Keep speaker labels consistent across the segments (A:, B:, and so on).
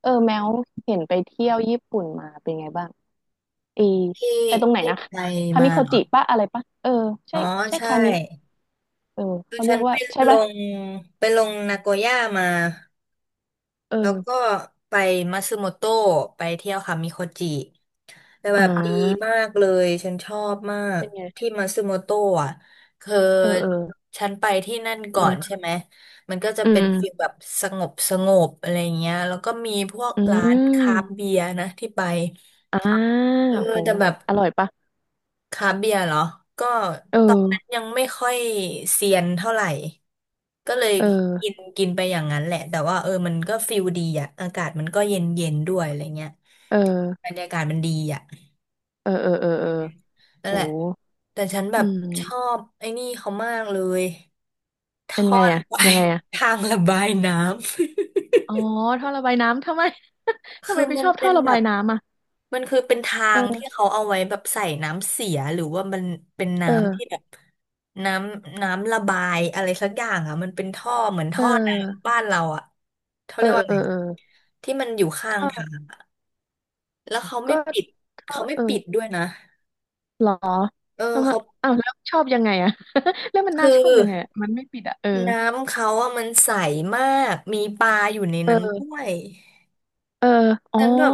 A: เออแมวเห็นไปเที่ยวญี่ปุ่นมาเป็นไงบ้างเอ
B: ที่
A: ไปตรงไหน
B: ที่
A: นะ
B: ไป
A: คา
B: มา
A: มิโค
B: เหรอ
A: จิปะอะไรปะเออ
B: อ๋
A: ใช่
B: อ
A: ใช่
B: ใช่
A: คามิเออ
B: คือ
A: เขาเรี
B: ฉั
A: ย
B: น
A: กว่าใช่
B: ล
A: ปะ
B: งไปลงนาโกย่ามา
A: เอ
B: แล้วก็
A: อ
B: ไปมัตสึโมโตะไปเที่ยวคามิโคจิแต่
A: อ่
B: แบบดี
A: า
B: มากเลยฉันชอบมาก
A: เป็นไง
B: ที่มัตสึโมโตะอ่ะคือ
A: เออเออ
B: ฉันไปที่นั่นก่อน
A: เอ
B: ใช่
A: อ
B: ไหมมันก็จะ
A: อืม
B: เป็น
A: อืม
B: ฟีลแบบสงบสงบอะไรเงี้ยแล้วก็มีพวก
A: อื
B: ร้านคราฟต์เบี
A: ม
B: ยร์นะที่ไป
A: อ่า
B: เออ
A: โห
B: แต่แบบ
A: อร่อยปะ
B: คราฟต์เบียร์เหรอ ก็
A: เออ
B: ตอนนั้นยังไม่ค่อยเซียนเท่าไหร่ ก็เลย
A: เออ
B: กินกินไปอย่างนั้นแหละ แต่ว่าเออมันก็ฟิลดีอ่ะอากาศมันก็เย็นเย็นด้วยอะไรเงี้ย
A: เอ
B: บร
A: อ
B: รยากาศมันดีอ่ะ
A: เออเออเออเออ
B: นั่น
A: โห
B: แหละแต่ฉันแบ
A: อื
B: บชอ
A: ม
B: บไอ้นี่เขามากเลย
A: เป็น
B: ท่อ
A: ไงอะ
B: ระบา
A: ยั
B: ย
A: งไงอะ
B: ทางระบายน้ำ
A: อ๋อท่อระบายน้ำทำไม ทำไม
B: คือ
A: ไป
B: มั
A: ช
B: น
A: อบ
B: เป็
A: ท่อ
B: น
A: ระ
B: แบ
A: บาย
B: บ
A: น้ำอะ
B: มันคือเป็นทางที่
A: เออ
B: เขาเอาไว้แบบใส่น้ำเสียหรือว่ามันเป็นน้ำที่
A: เออ
B: แบบน้ำระบายอะไรสักอย่างอ่ะมันเป็นท่อเหมือน
A: เอ
B: ท่อน้ำ
A: อ
B: บ้านเราอ่ะเขา
A: เอ
B: เรี
A: อ
B: ยกว่าอะ
A: เออ
B: ไร
A: เออ
B: ที่มันอยู่ข้าง
A: ท่
B: ทา
A: อ
B: งแล้วเขาไม่
A: ก็
B: ปิด
A: ก็
B: เขาไม่
A: เออ
B: ปิดด้วยนะ
A: หรอ
B: เออ
A: ทำไม
B: เขา
A: อ้าวแล้วชอบยังไงอะ แล้วมัน
B: คื
A: น่า
B: อ
A: ชอบยังไงอะมันไม่ปิดอะเออ
B: น้ำเขาอะมันใสมากมีปลาอยู่ใน
A: เ
B: นั้นด้ว
A: ออ
B: ย
A: เอออ๋อ
B: ฉันแบบ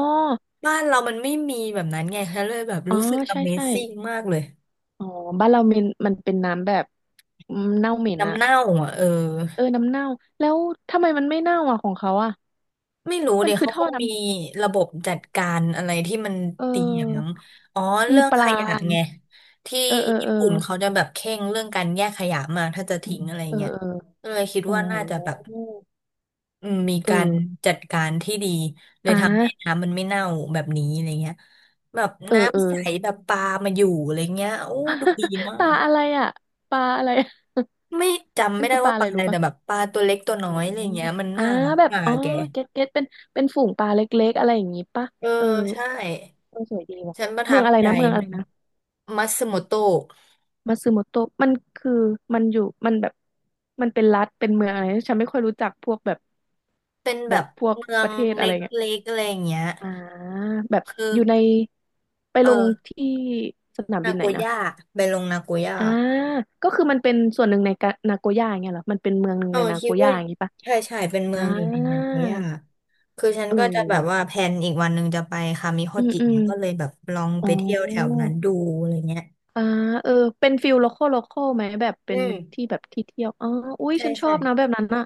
B: บ้านเรามันไม่มีแบบนั้นไงฉันเลยแบบ
A: อ๋อ
B: รู้สึก
A: ใช่ใช่
B: Amazing มากเลย
A: อ๋อบ้านเรามันเป็นน้ำแบบอืมเน่าเหม็น
B: น้ำ
A: อะ
B: เน่าอ่ะเออ
A: เออน้ำเน่าแล้วทำไมมันไม่เน่าอะของเขาอะ
B: ไม่รู้
A: มั
B: เดี๋
A: น
B: ยว
A: คือ
B: เขา
A: ท่
B: ค
A: อ
B: ง
A: น้
B: มีระบบจัดการอะไรที่มัน
A: ำเอ
B: ดีอย่างนั้น
A: อ
B: อ๋อ
A: มี
B: เรื่อง
A: ป
B: ข
A: ลา
B: ยะไงที่
A: เออเออเอ
B: ญี่
A: อ
B: ปุ่นเขาจะแบบเคร่งเรื่องการแยกขยะมากถ้าจะทิ้งอะไร
A: เออ
B: เงี้ยก็เลยคิด
A: เออ
B: ว่าน่าจะ
A: อ
B: แบบ
A: ๋อ
B: อืมมีการ
A: เออ
B: จัดการที่ดีเลย
A: อ่
B: ทำให้
A: า
B: น้ำมันไม่เน่าแบบนี้อะไรเงี้ยแบบ
A: เออเออ
B: น้ำใสแบบปลามาอยู่อะไรเงี้ยโอ้ดูดี มา
A: ปลา
B: ก
A: อะไรอะปลาอะไร
B: ไม่
A: มั
B: ไม่
A: น
B: ได้
A: คือป
B: ว่า
A: ลา
B: ป
A: อะ
B: ลา
A: ไร
B: อะไร
A: รู้
B: แต่
A: ปะ
B: แบบปลาตัวเล็กตัวน้
A: โอ้
B: อ
A: อ
B: ยอะไรเงี้ยมัน
A: อ่า
B: น่ารัก
A: แบบ
B: อ่ะ
A: อ๋อ
B: แก
A: เก็ตเก็ตเป็นเป็นฝูงปลาเล็กๆอะไรอย่างงี้ปะ
B: เออ
A: เออ
B: ใช่
A: เออสวยดีว่ะ
B: ฉันประทั
A: เมือง
B: บ
A: อะไร
B: ใจ
A: นะเมืองอะไร
B: มาก
A: นะ
B: มัตสึโมโตะ
A: มาซึโมโตะมันคือมันอยู่มันแบบมันเป็นรัฐเป็นเมืองอะไรฉันไม่ค่อยรู้จักพวกแบบ
B: เป็นแบ
A: แบบ
B: บ
A: พวก
B: เมือ
A: ป
B: ง
A: ระเทศ
B: เล
A: อะไรเงี้ย
B: ็กๆอะไรอย่างเงี้ย
A: อ่าแบบ
B: คือ
A: อยู่ในไป
B: เอ
A: ลง
B: อ
A: ที่สนาม
B: นา
A: บิน
B: โก
A: ไหนนะ
B: ย่าไปลงนาโกย่า
A: อ่าก็คือมันเป็นส่วนหนึ่งในกะนาโกย่าอย่างเงี้ยเหรอมันเป็นเมืองหนึ่ง
B: เออ
A: ในนา
B: คิ
A: โก
B: ด
A: ย่า
B: ว่า
A: อย่างงี้ปะ
B: ใช่ใช่เป็นเมื
A: อ่า
B: องอยู่ในนาโกย่าคือฉัน
A: เออ
B: ก็จะแบบว่า
A: ว่ะ
B: แพลนอีกวันหนึ่งจะไปคามิโฮ
A: อืม
B: จิ
A: อืม
B: เนี่ยก็เลยแบบลอง
A: อ๋
B: ไปเที่ยวแถว
A: อ
B: นั้นดูอะไรเงี้ย
A: อ่าเออเป็นฟิลโลคอลโลคอลไหมแบบ
B: อื
A: เป็น
B: ม
A: ที่แบบที่เที่ยวอ๋ออุ้ย
B: ใช่
A: ฉันชอ
B: ใช่
A: บนะแบบนั้นอ่ะ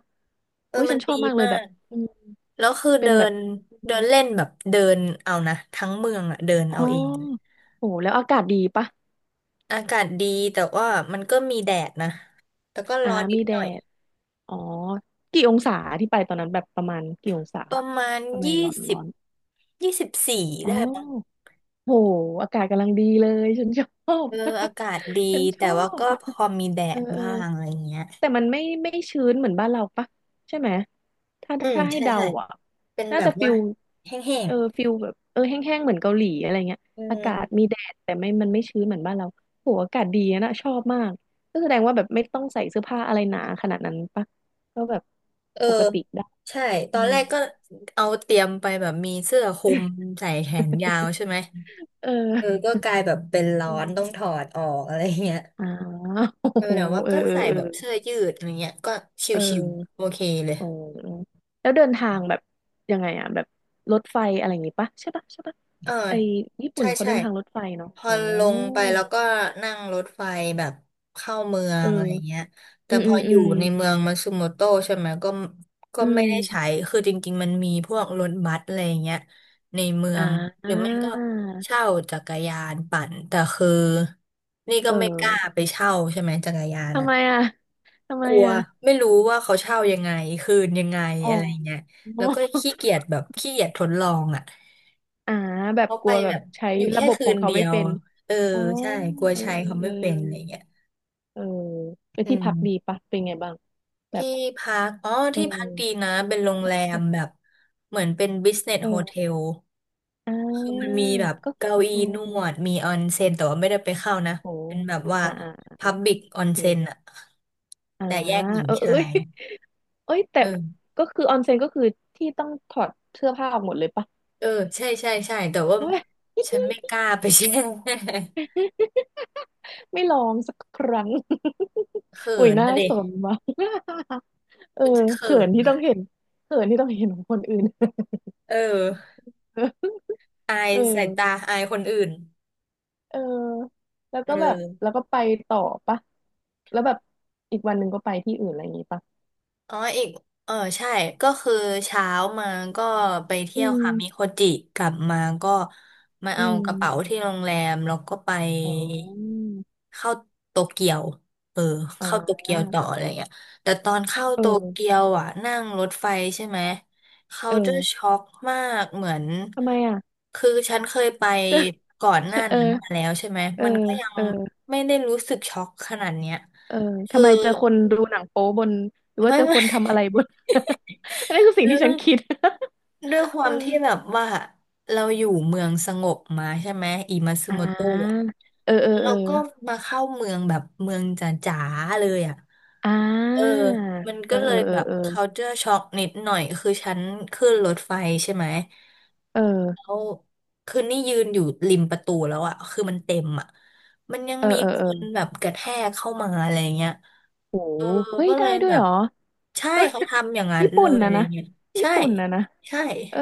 B: เออ
A: อุ้ย
B: มั
A: ฉั
B: น
A: นชอ
B: ดี
A: บมากเลย
B: มา
A: แบบ
B: ก
A: อืม
B: แล้วคือ
A: เป็
B: เดิ
A: นแบบ
B: น
A: อ
B: เดิ
A: ม
B: นเล่นแบบเดินเอานะทั้งเมืองอะเดิน
A: อ๋อ
B: เอาเอง
A: โหแล้วอากาศดีปะ
B: อากาศดีแต่ว่ามันก็มีแดดนะแต่ก็
A: อ่า
B: ร้อนนิ
A: มี
B: ดห
A: แด
B: น่อย
A: ดอ๋อกี่องศาที่ไปตอนนั้นแบบประมาณกี่องศา
B: ประมาณ
A: ทำไม
B: ยี่
A: ร้อน
B: สิ
A: ร้
B: บ
A: อน
B: ยี่สิบสี่
A: อ๋อ
B: ได้มั้ง
A: โหอากาศกำลังดีเลยฉันชอบ
B: เอออากาศดี
A: ฉันช
B: แต่
A: อ
B: ว่าก็
A: บ
B: พอมีแด
A: เออ
B: ด
A: เออ
B: บ้างอะไรเงี้ย
A: แต่มันไม่ชื้นเหมือนบ้านเราปะใช่ไหมถ้า
B: อืม
A: ถ้าให้
B: ใช่
A: เดา
B: ใช่
A: อ่ะ
B: เป็น
A: น่า
B: แบ
A: จะ
B: บ
A: ฟิ
B: ว่า
A: ล
B: แห้ง
A: ฟิลแบบเออแห้งๆเหมือนเกาหลีอะไรเงี้ย
B: ๆอื
A: อา
B: ม
A: กาศมีแดดแต่ไม่มันไม่ชื้นเหมือนบ้านเราโหอากาศดีอะนะชอบมากก็แสดงว่าแบบไม่ต้องใส่เสื้อผ้าอะไรหนาขนาดนั้นปะก็แบบ
B: เออ
A: ปกติได้
B: ใช่ต
A: อื
B: อน
A: ม
B: แรกก็เอาเตรียมไปแบบมีเสื้อคลุม ใส่แขนยาวใช่ไหม
A: เอ
B: เออ
A: อ
B: ก็กลายแบบเป็นร้อ
A: อื
B: น
A: ม
B: ต้อง ถอดออกอะไรเงี้ย
A: อ่าโอ้
B: เอ อ
A: โห
B: แต่ว่า
A: เออ
B: ก็
A: เออ
B: ใส่
A: เออ
B: แบบเสื้อยืดอะไรเงี้ยก็ช
A: เออ
B: ิวๆโอเคเลย
A: อ๋อแล้วเดินทางแบบยังไงอะแบบรถไฟอะไรอย่างงี้ปะใช่ปะใช่ปะ
B: เออ
A: ไอญี่ปุ่
B: ใช่
A: นเขา
B: ใช่
A: เดินทางรถไฟเนาะ
B: พอ
A: อ๋อ
B: ลงไปแล้วก็นั่งรถไฟแบบเข้าเมือ
A: เอ
B: งอะไร
A: อ
B: เงี้ยแต่
A: อืม
B: พ
A: อื
B: อ
A: ม
B: อ
A: อื
B: ยู่
A: ม
B: ในเมืองมันซูโมโตใช่ไหมก็
A: อื
B: ไม่ได้ใช้
A: ม
B: คือจริงๆมันมีพวกรถบัสอะไรเงี้ยในเมือ
A: อ่
B: งหรือไม่
A: า
B: ก็เช่าจักรยานปั่นแต่คือนี่ก็
A: เอ
B: ไม่กล้า
A: อ
B: ไปเช่าใช่ไหมจักรยาน
A: ทำ
B: อ่ะ
A: ไมอะทำ
B: ก
A: ไม
B: ลัว
A: อะ
B: ไม่รู้ว่าเขาเช่ายังไงคืนยังไง
A: อ๋
B: อะไร
A: อ
B: เงี้ยแล้วก็ขี้เกียจแบบขี้เกียจทดลองอ่ะ
A: อ่าแบบ
B: เขา
A: ก
B: ไป
A: ลัวแบ
B: แบ
A: บ
B: บ
A: ใช้
B: อยู่
A: ระ
B: แค่
A: บบ
B: คื
A: ของ
B: น
A: เขา
B: เดี
A: ไม่
B: ยว
A: เป็น
B: เออ
A: อ๋อ
B: ใช่กลัว
A: เออ
B: ใช้เขา
A: เออ
B: ไม่เป็นอะไรเงี้ย
A: เออไป
B: อื
A: ที่พักดี
B: ม
A: ปะเป็นไงบ้างแบ
B: ที่
A: บ
B: พักอ๋อ
A: เอ
B: ที่พักดี
A: อ
B: นะเป็นโรงแรมแบบเหมือนเป็นบิสเนส
A: เอ
B: โฮเท
A: อ
B: ล
A: อ่
B: คือมั
A: า
B: นมีแบบ
A: ก็
B: เก้า
A: โอ
B: อี้นว
A: ้
B: ดมีออนเซ็นแต่ว่าไม่ได้ไปเข้านะเป็น
A: โห
B: แบบว่าพับบิกออนเซ็
A: เม็
B: น
A: ด
B: อะ
A: อ่า
B: แต่แยกหญิง
A: เออเอ้
B: ชา
A: ย
B: ย
A: เอ้ยแต่
B: เออ
A: ก็คือออนเซ็นก็คือที่ต้องถอดเสื้อผ้าออกหมดเลยปะ
B: เออใช่ใช่ใช่แต่ว่า
A: เว้ย
B: ฉันไม่ก ล้าไป แช่
A: ไม่ลองสักครั้ง
B: เขิ
A: อุ้ย
B: น
A: น่า
B: นะดิ
A: สนมาก เออ
B: มันจะเขิ
A: เขิน
B: น
A: ที่
B: นะ
A: ต้องเห็นเขินที่ต้องเห็นของคนอื่น
B: เออ อาย
A: เออ
B: สายตาอายคนอื่น
A: เออแล้ว
B: เอ
A: ก็แบบแล้
B: อ
A: วก็ไปต่อปะแล้วแบบอีกวันหนึ่งก็ไปที่อื่นอะไรอย่างงี้ปะ
B: อ๋ออีกเออใช่ก็คือเช้ามาก็ไปเที่
A: อื
B: ยวค่ะมิโค
A: ม
B: จิกลับมาก็มา
A: อื
B: เอากระเป๋า
A: ม
B: ที่โรงแรมแล้วก็ไป
A: อ๋อ
B: เข้าโตเกียวเออเข้าโต
A: อ่า
B: เกียวต่ออะไรเงี้ยแต่ตอนเข้า
A: เ
B: โตเกี
A: ออ
B: ยวอ่ะนั่งรถไฟใช่ไหมเขาจะ
A: เออ
B: ช็อกมากเหมือน
A: ทำไมอ่ะ
B: คือฉันเคยไป ก่อนหน้า
A: เออ
B: นั้นมาแล้วใช่ไหม
A: เออ
B: มันก็ยัง
A: เออ
B: ไม่ได้รู้สึกช็อกขนาดเนี้ย
A: เออ
B: คื
A: ทำ
B: อ
A: ไมเจอคนดูหนังโป๊บนหรือว่า
B: ไม่
A: เจอ ค
B: ไม่
A: นทำอะไร บน อันนี้คือสิ่ง
B: ไม่
A: ที่ฉั
B: ไม่
A: นคิด
B: ด้วยค
A: เอ
B: วา
A: อ
B: มที่แบบว่าเราอยู่เมืองสงบมาใช่ไหมอิมาซึ
A: อ่
B: โมโตะ
A: าเออเออ
B: แล้ว
A: เอ
B: เรา
A: อ
B: ก็มาเข้าเมืองแบบเมืองจ๋าๆเลยอ่ะ
A: อ่
B: เออ
A: า
B: มัน
A: เอ
B: ก็
A: อ
B: เล
A: เอ
B: ย
A: อ
B: แบบ
A: เออ
B: culture shock นิดหน่อยคือฉันขึ้นรถไฟใช่ไหม
A: เอ
B: แล้
A: อ
B: วคือนี่ยืนอยู่ริมประตูแล้วอ่ะคือมันเต็มอ่ะมันยัง
A: เออ
B: มี
A: เออ
B: ค
A: เออ
B: น
A: เออ
B: แบบกระแทกเข้ามาอะไรเงี้ย
A: โห
B: เออ
A: เฮ้ย
B: ก็เล
A: ได้
B: ย
A: ด้ว
B: แบ
A: ย
B: บ
A: เหรอ
B: ใช่
A: เอ้ย
B: เขาทำอย่างนั้น
A: ญี่
B: เล
A: ปุ่น
B: ยอะ
A: นะ
B: ไร
A: นะ
B: เงี้ย
A: ญี่
B: ใช่
A: ปุ่นนะนะ
B: ใช่
A: เออ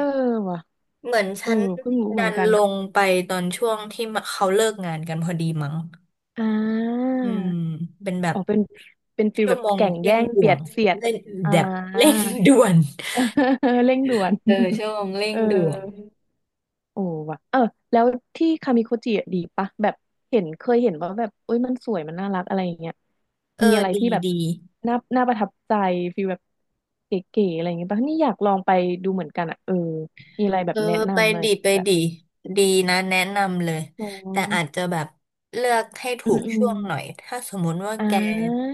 A: ว่ะ
B: เหมือน
A: เออ
B: ฉัน
A: เพิ่งรู้เห
B: ดั
A: มือน
B: น
A: กัน
B: ลงไปตอนช่วงที่เขาเลิกงานกันพอดีมั้ง
A: อ่า
B: อืมเป็นแบบ
A: อ๋อเป็นฟิล
B: ชั่
A: แบ
B: ว
A: บ
B: โมง
A: แก่ง
B: เร่
A: แย่
B: ง
A: ง
B: ด่
A: เบี
B: ว
A: ย
B: น
A: ดเสียด
B: เร่ง
A: อ่า
B: แบบเร่งด่วน
A: เออเร่งด่วน
B: เออชั่วโมง เร่
A: เอ
B: ง
A: อ
B: ด่วน
A: โอ้ว่ะเออแล้วที่คามิโคจิอะดีปะแบบเห็นเคยเห็นว่าแบบเอ้ยมันสวยมันน่ารักอะไรอย่างเงี้ย
B: เออ
A: มีอะไร
B: ดี
A: ที่แบบ
B: ดี
A: น่าประทับใจฟีลแบบเก๋ๆอะไรอย่างเงี้ยปะนี่อยากลองไปดูเหมือนกันอ่ะเออมีอะไรแบ
B: เอ
A: บ
B: อ
A: แนะ
B: ไป
A: นำอะไร
B: ดี
A: อย่าง
B: ไป
A: เงี้ยแบบ
B: ดีดีนะแนะนำเลย
A: อ๋อ
B: แต่อาจจะแบบเลือกให้
A: อื
B: ถู
A: ม
B: ก
A: อืม
B: ช่วงหน่อยถ้าสมมุติว่า
A: อ่
B: แก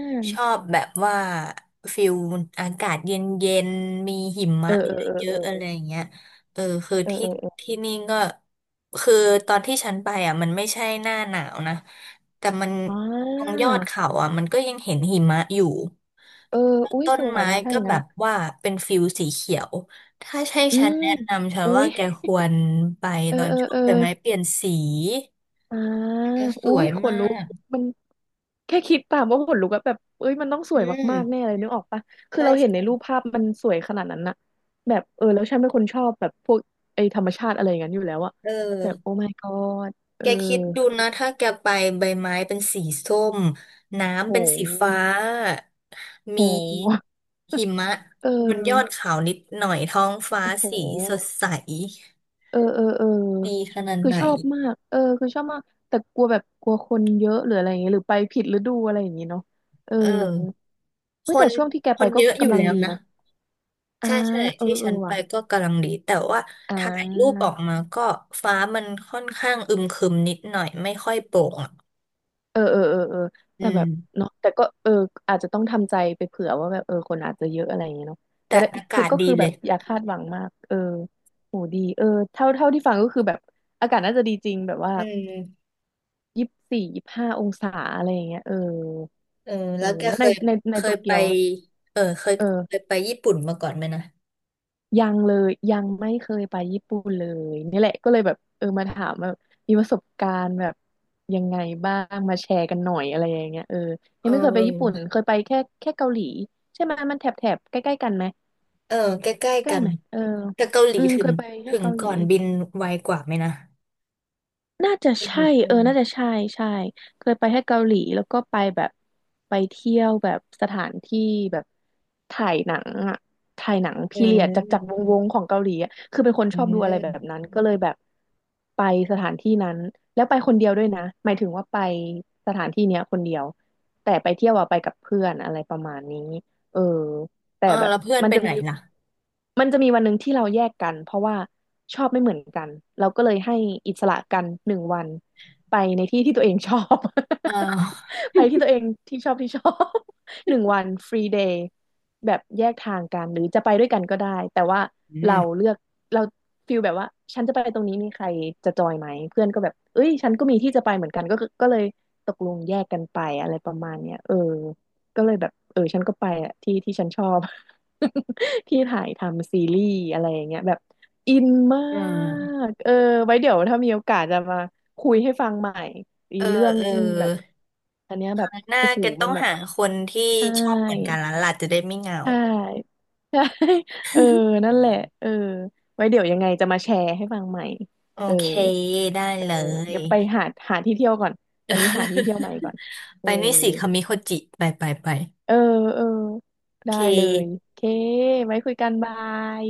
A: า
B: ชอบแบบว่าฟิลอากาศเย็นเย็นมีหิ
A: เอ
B: มะ
A: อเออ
B: เย
A: เอ
B: อะๆอะไร
A: อ
B: อย่างเงี้ยเออคือ
A: เออ
B: ที่
A: เออเออเออ
B: ที่นี่ก็คือตอนที่ฉันไปอ่ะมันไม่ใช่หน้าหนาวนะแต่มัน
A: อ่
B: ตรง
A: า
B: ยอดเขาอ่ะมันก็ยังเห็นหิมะอยู่
A: เอออุ้ย
B: ต้
A: ส
B: น
A: วย
B: ไม้
A: นะถ้าอ
B: ก็
A: ย่าง
B: แบ
A: นั้น
B: บ
A: อ่ะ
B: ว่าเป็นฟิลสีเขียว ถ้าใช่
A: อื
B: ฉัน
A: ม
B: แนะนำฉัน
A: อุ้
B: ว่า
A: ย
B: แกควรไป
A: เออ
B: ตอน
A: เออ
B: ช่วง
A: เออ
B: ใบไม้เปลี่ยนสี
A: อ่า
B: แกส
A: อุ้
B: ว
A: ย
B: ย
A: ขน
B: มา
A: ลุก
B: ก
A: มันแค่คิดตามว่าขนลุกอะแบบเอ้ยมันต้องส
B: อื
A: วยมากๆแน่
B: ม
A: เลยนึกออกปะคือ
B: ใช่
A: เราเห็น
B: ใช่
A: ในรูปภาพมันสวยขนาดนั้นอะแบบเออแล้วฉันเป็นคนชอบแบบพวกไอ้ธรรมชาติอะไรอย่างนั้นอยู่แล้วอะ
B: เ
A: แบบโอ้
B: ออ
A: my god เอ
B: แก
A: อ
B: คิดดูนะถ้าแกไปใบไม้เป็นสีส้ม
A: โ
B: น้ำเป็นสีฟ้า
A: ห
B: ม
A: โห
B: ีหิมะ
A: เ
B: บนยอด
A: ออ
B: เขานิดหน่อยท้องฟ้า
A: โอ้โห
B: สีสดใส
A: เออเออเออ
B: ดีขนาด
A: คือ
B: ไหน
A: ชอบมากเออคือชอบมาก แต่กลัวแบบกลัวคนเยอะหรืออะไรอย่างเงี้ยหรือไปผิดฤดูอะไรอย่างงี้เนาะเออ
B: เออ
A: เฮ้
B: ค
A: ยแต่
B: น
A: ช่วงที่แก
B: ค
A: ไป
B: น
A: ก็
B: เยอะอยู่
A: กำลัง
B: แล้ว
A: ดี
B: นะ
A: นะ อ่า
B: ใช่ใช่
A: เออ
B: ที่
A: เอ
B: ฉั
A: อ
B: นไป
A: ว่ะ
B: ก็กำลังดีแต่ว่า
A: อ่
B: ถ่ายรูป
A: า
B: ออกมาก็ฟ้ามันค่อนข้างอึมครึมนิดหน่อยไม่ค่อยโปร่งอ่ะ
A: เออเออเออเออ
B: อื
A: แต่
B: ม
A: แบบเนาะแต่ก็เอออาจจะต้องทำใจไปเผื่อว่าแบบเออคนอาจจะเยอะอะไรอย่างเงี้ยเนาะ
B: แต่
A: จะได้
B: อากา
A: คือ
B: ศ
A: ก็
B: ดี
A: คือ
B: เล
A: แบ
B: ย
A: บอย่าคาดหวังมากเออโหดีเออเท่าที่ฟังก็คือแบบอากาศน่าจะดีจริงแบบว่า
B: อืม
A: 24-25 องศาอะไรอย่างเงี้ยเออ
B: เออ
A: เอ
B: แล้ว
A: อ
B: แก
A: แล้ว
B: เค
A: ใน
B: ย
A: ใน
B: เค
A: ในโต
B: ยไป
A: เกียว
B: เออเคย
A: เอ
B: เคย
A: อ
B: ไปญี่ปุ่นมาก่อนไหมนะ
A: ยังเลยยังไม่เคยไปญี่ปุ่นเลยนี่แหละก็เลยแบบเออมาถามแบบมีประสบการณ์แบบยังไงบ้างมาแชร์กันหน่อยอะไรอย่างเงี้ยเออ
B: เ
A: ยังไม่เคยไปญี่ปุ่
B: ออ
A: นเคยไปแค่เกาหลีใช่ไหมมันแถบใกล้ๆกันไหม
B: เออใกล้
A: ใก
B: ๆ
A: ล้
B: กัน
A: ไหมเออ
B: แต่เกาหลี
A: อืม
B: ถึ
A: เค
B: ง
A: ยไปแค่
B: ถึง
A: เกาหลี
B: ก่อนบินไวกว่าไหมนะ
A: น่าจะ
B: บินหน
A: ใช่เอ
B: ึ่
A: อ
B: ง
A: น่าจะใช่ใช่เคยไปแค่เกาหลีแล้วก็ไปแบบไปเที่ยวแบบสถานที่แบบถ่ายหนังอ่ะถ่ายหนัง
B: อื
A: พีเรียดจากว
B: ม
A: งวงของเกาหลีอะคือเป็นคน
B: อื
A: ช
B: ม
A: อบ
B: อื
A: ดูอะไรแบบ
B: ม
A: นั้นก็เลยแบบไปสถานที่นั้นแล้วไปคนเดียวด้วยนะหมายถึงว่าไปสถานที่เนี้ยคนเดียวแต่ไปเที่ยวอะไปกับเพื่อนอะไรประมาณนี้เออ แต่
B: เออ
A: แบบ
B: แล้วเพื่อน
A: มัน
B: ไป
A: จะ
B: ไหน
A: มี
B: ล่ะ
A: มันจะมีวันหนึ่งที่เราแยกกันเพราะว่าชอบไม่เหมือนกันเราก็เลยให้อิสระกันหนึ่งวันไปในที่ที่ตัวเองชอบ
B: อ่าว
A: ไปที่ตัวเองที่ชอบที่ชอบ หนึ่งวันฟรีเดย์แบบแยกทางกันหรือจะไปด้วยกันก็ได้แต่ว่า
B: อื
A: เรา
B: ม
A: เลือกเราฟิลแบบว่าฉันจะไปตรงนี้มีใครจะจอยไหมเพื่อนก็แบบเอ้ยฉันก็มีที่จะไปเหมือนกันก็คือก็เลยตกลงแยกกันไปอะไรประมาณเนี้ยเออ ก็เลยแบบเออฉันก็ไปอะที่ที่ฉันชอบ ที่ถ่ายทำซีรีส์อะไรอย่างเงี้ยแบบอินมา
B: อืม
A: กเออไว้เดี๋ยวถ้ามีโอกาสจะมาคุยให้ฟังใหม่อี
B: เออ
A: เรื่อง
B: เออ
A: แบบอันเนี้ยแบบ
B: หน้า
A: โอ้โห
B: เกต้
A: มั
B: อ
A: น
B: ง
A: แบบ
B: หาคนที่
A: ใช่
B: ชอบเหมือนกันแล้วล่ะจะได้ไม่เหงา
A: ใช่ใช่เออนั่นแหละเออไว้เดี๋ยวยังไงจะมาแชร์ให้ฟังใหม่
B: โอ
A: เออ
B: เคได้
A: เออ
B: เลย
A: เดี๋ยวไปหาหาที่เที่ยวก่อนตอนนี้หาที่เที่ยวใหม่ก่อน เอ
B: ไป
A: อ
B: นี่สิคามิโคจิไปไปไป
A: เออเออ
B: โอ
A: ได้
B: เค
A: เลยโอเคไว้คุยกันบาย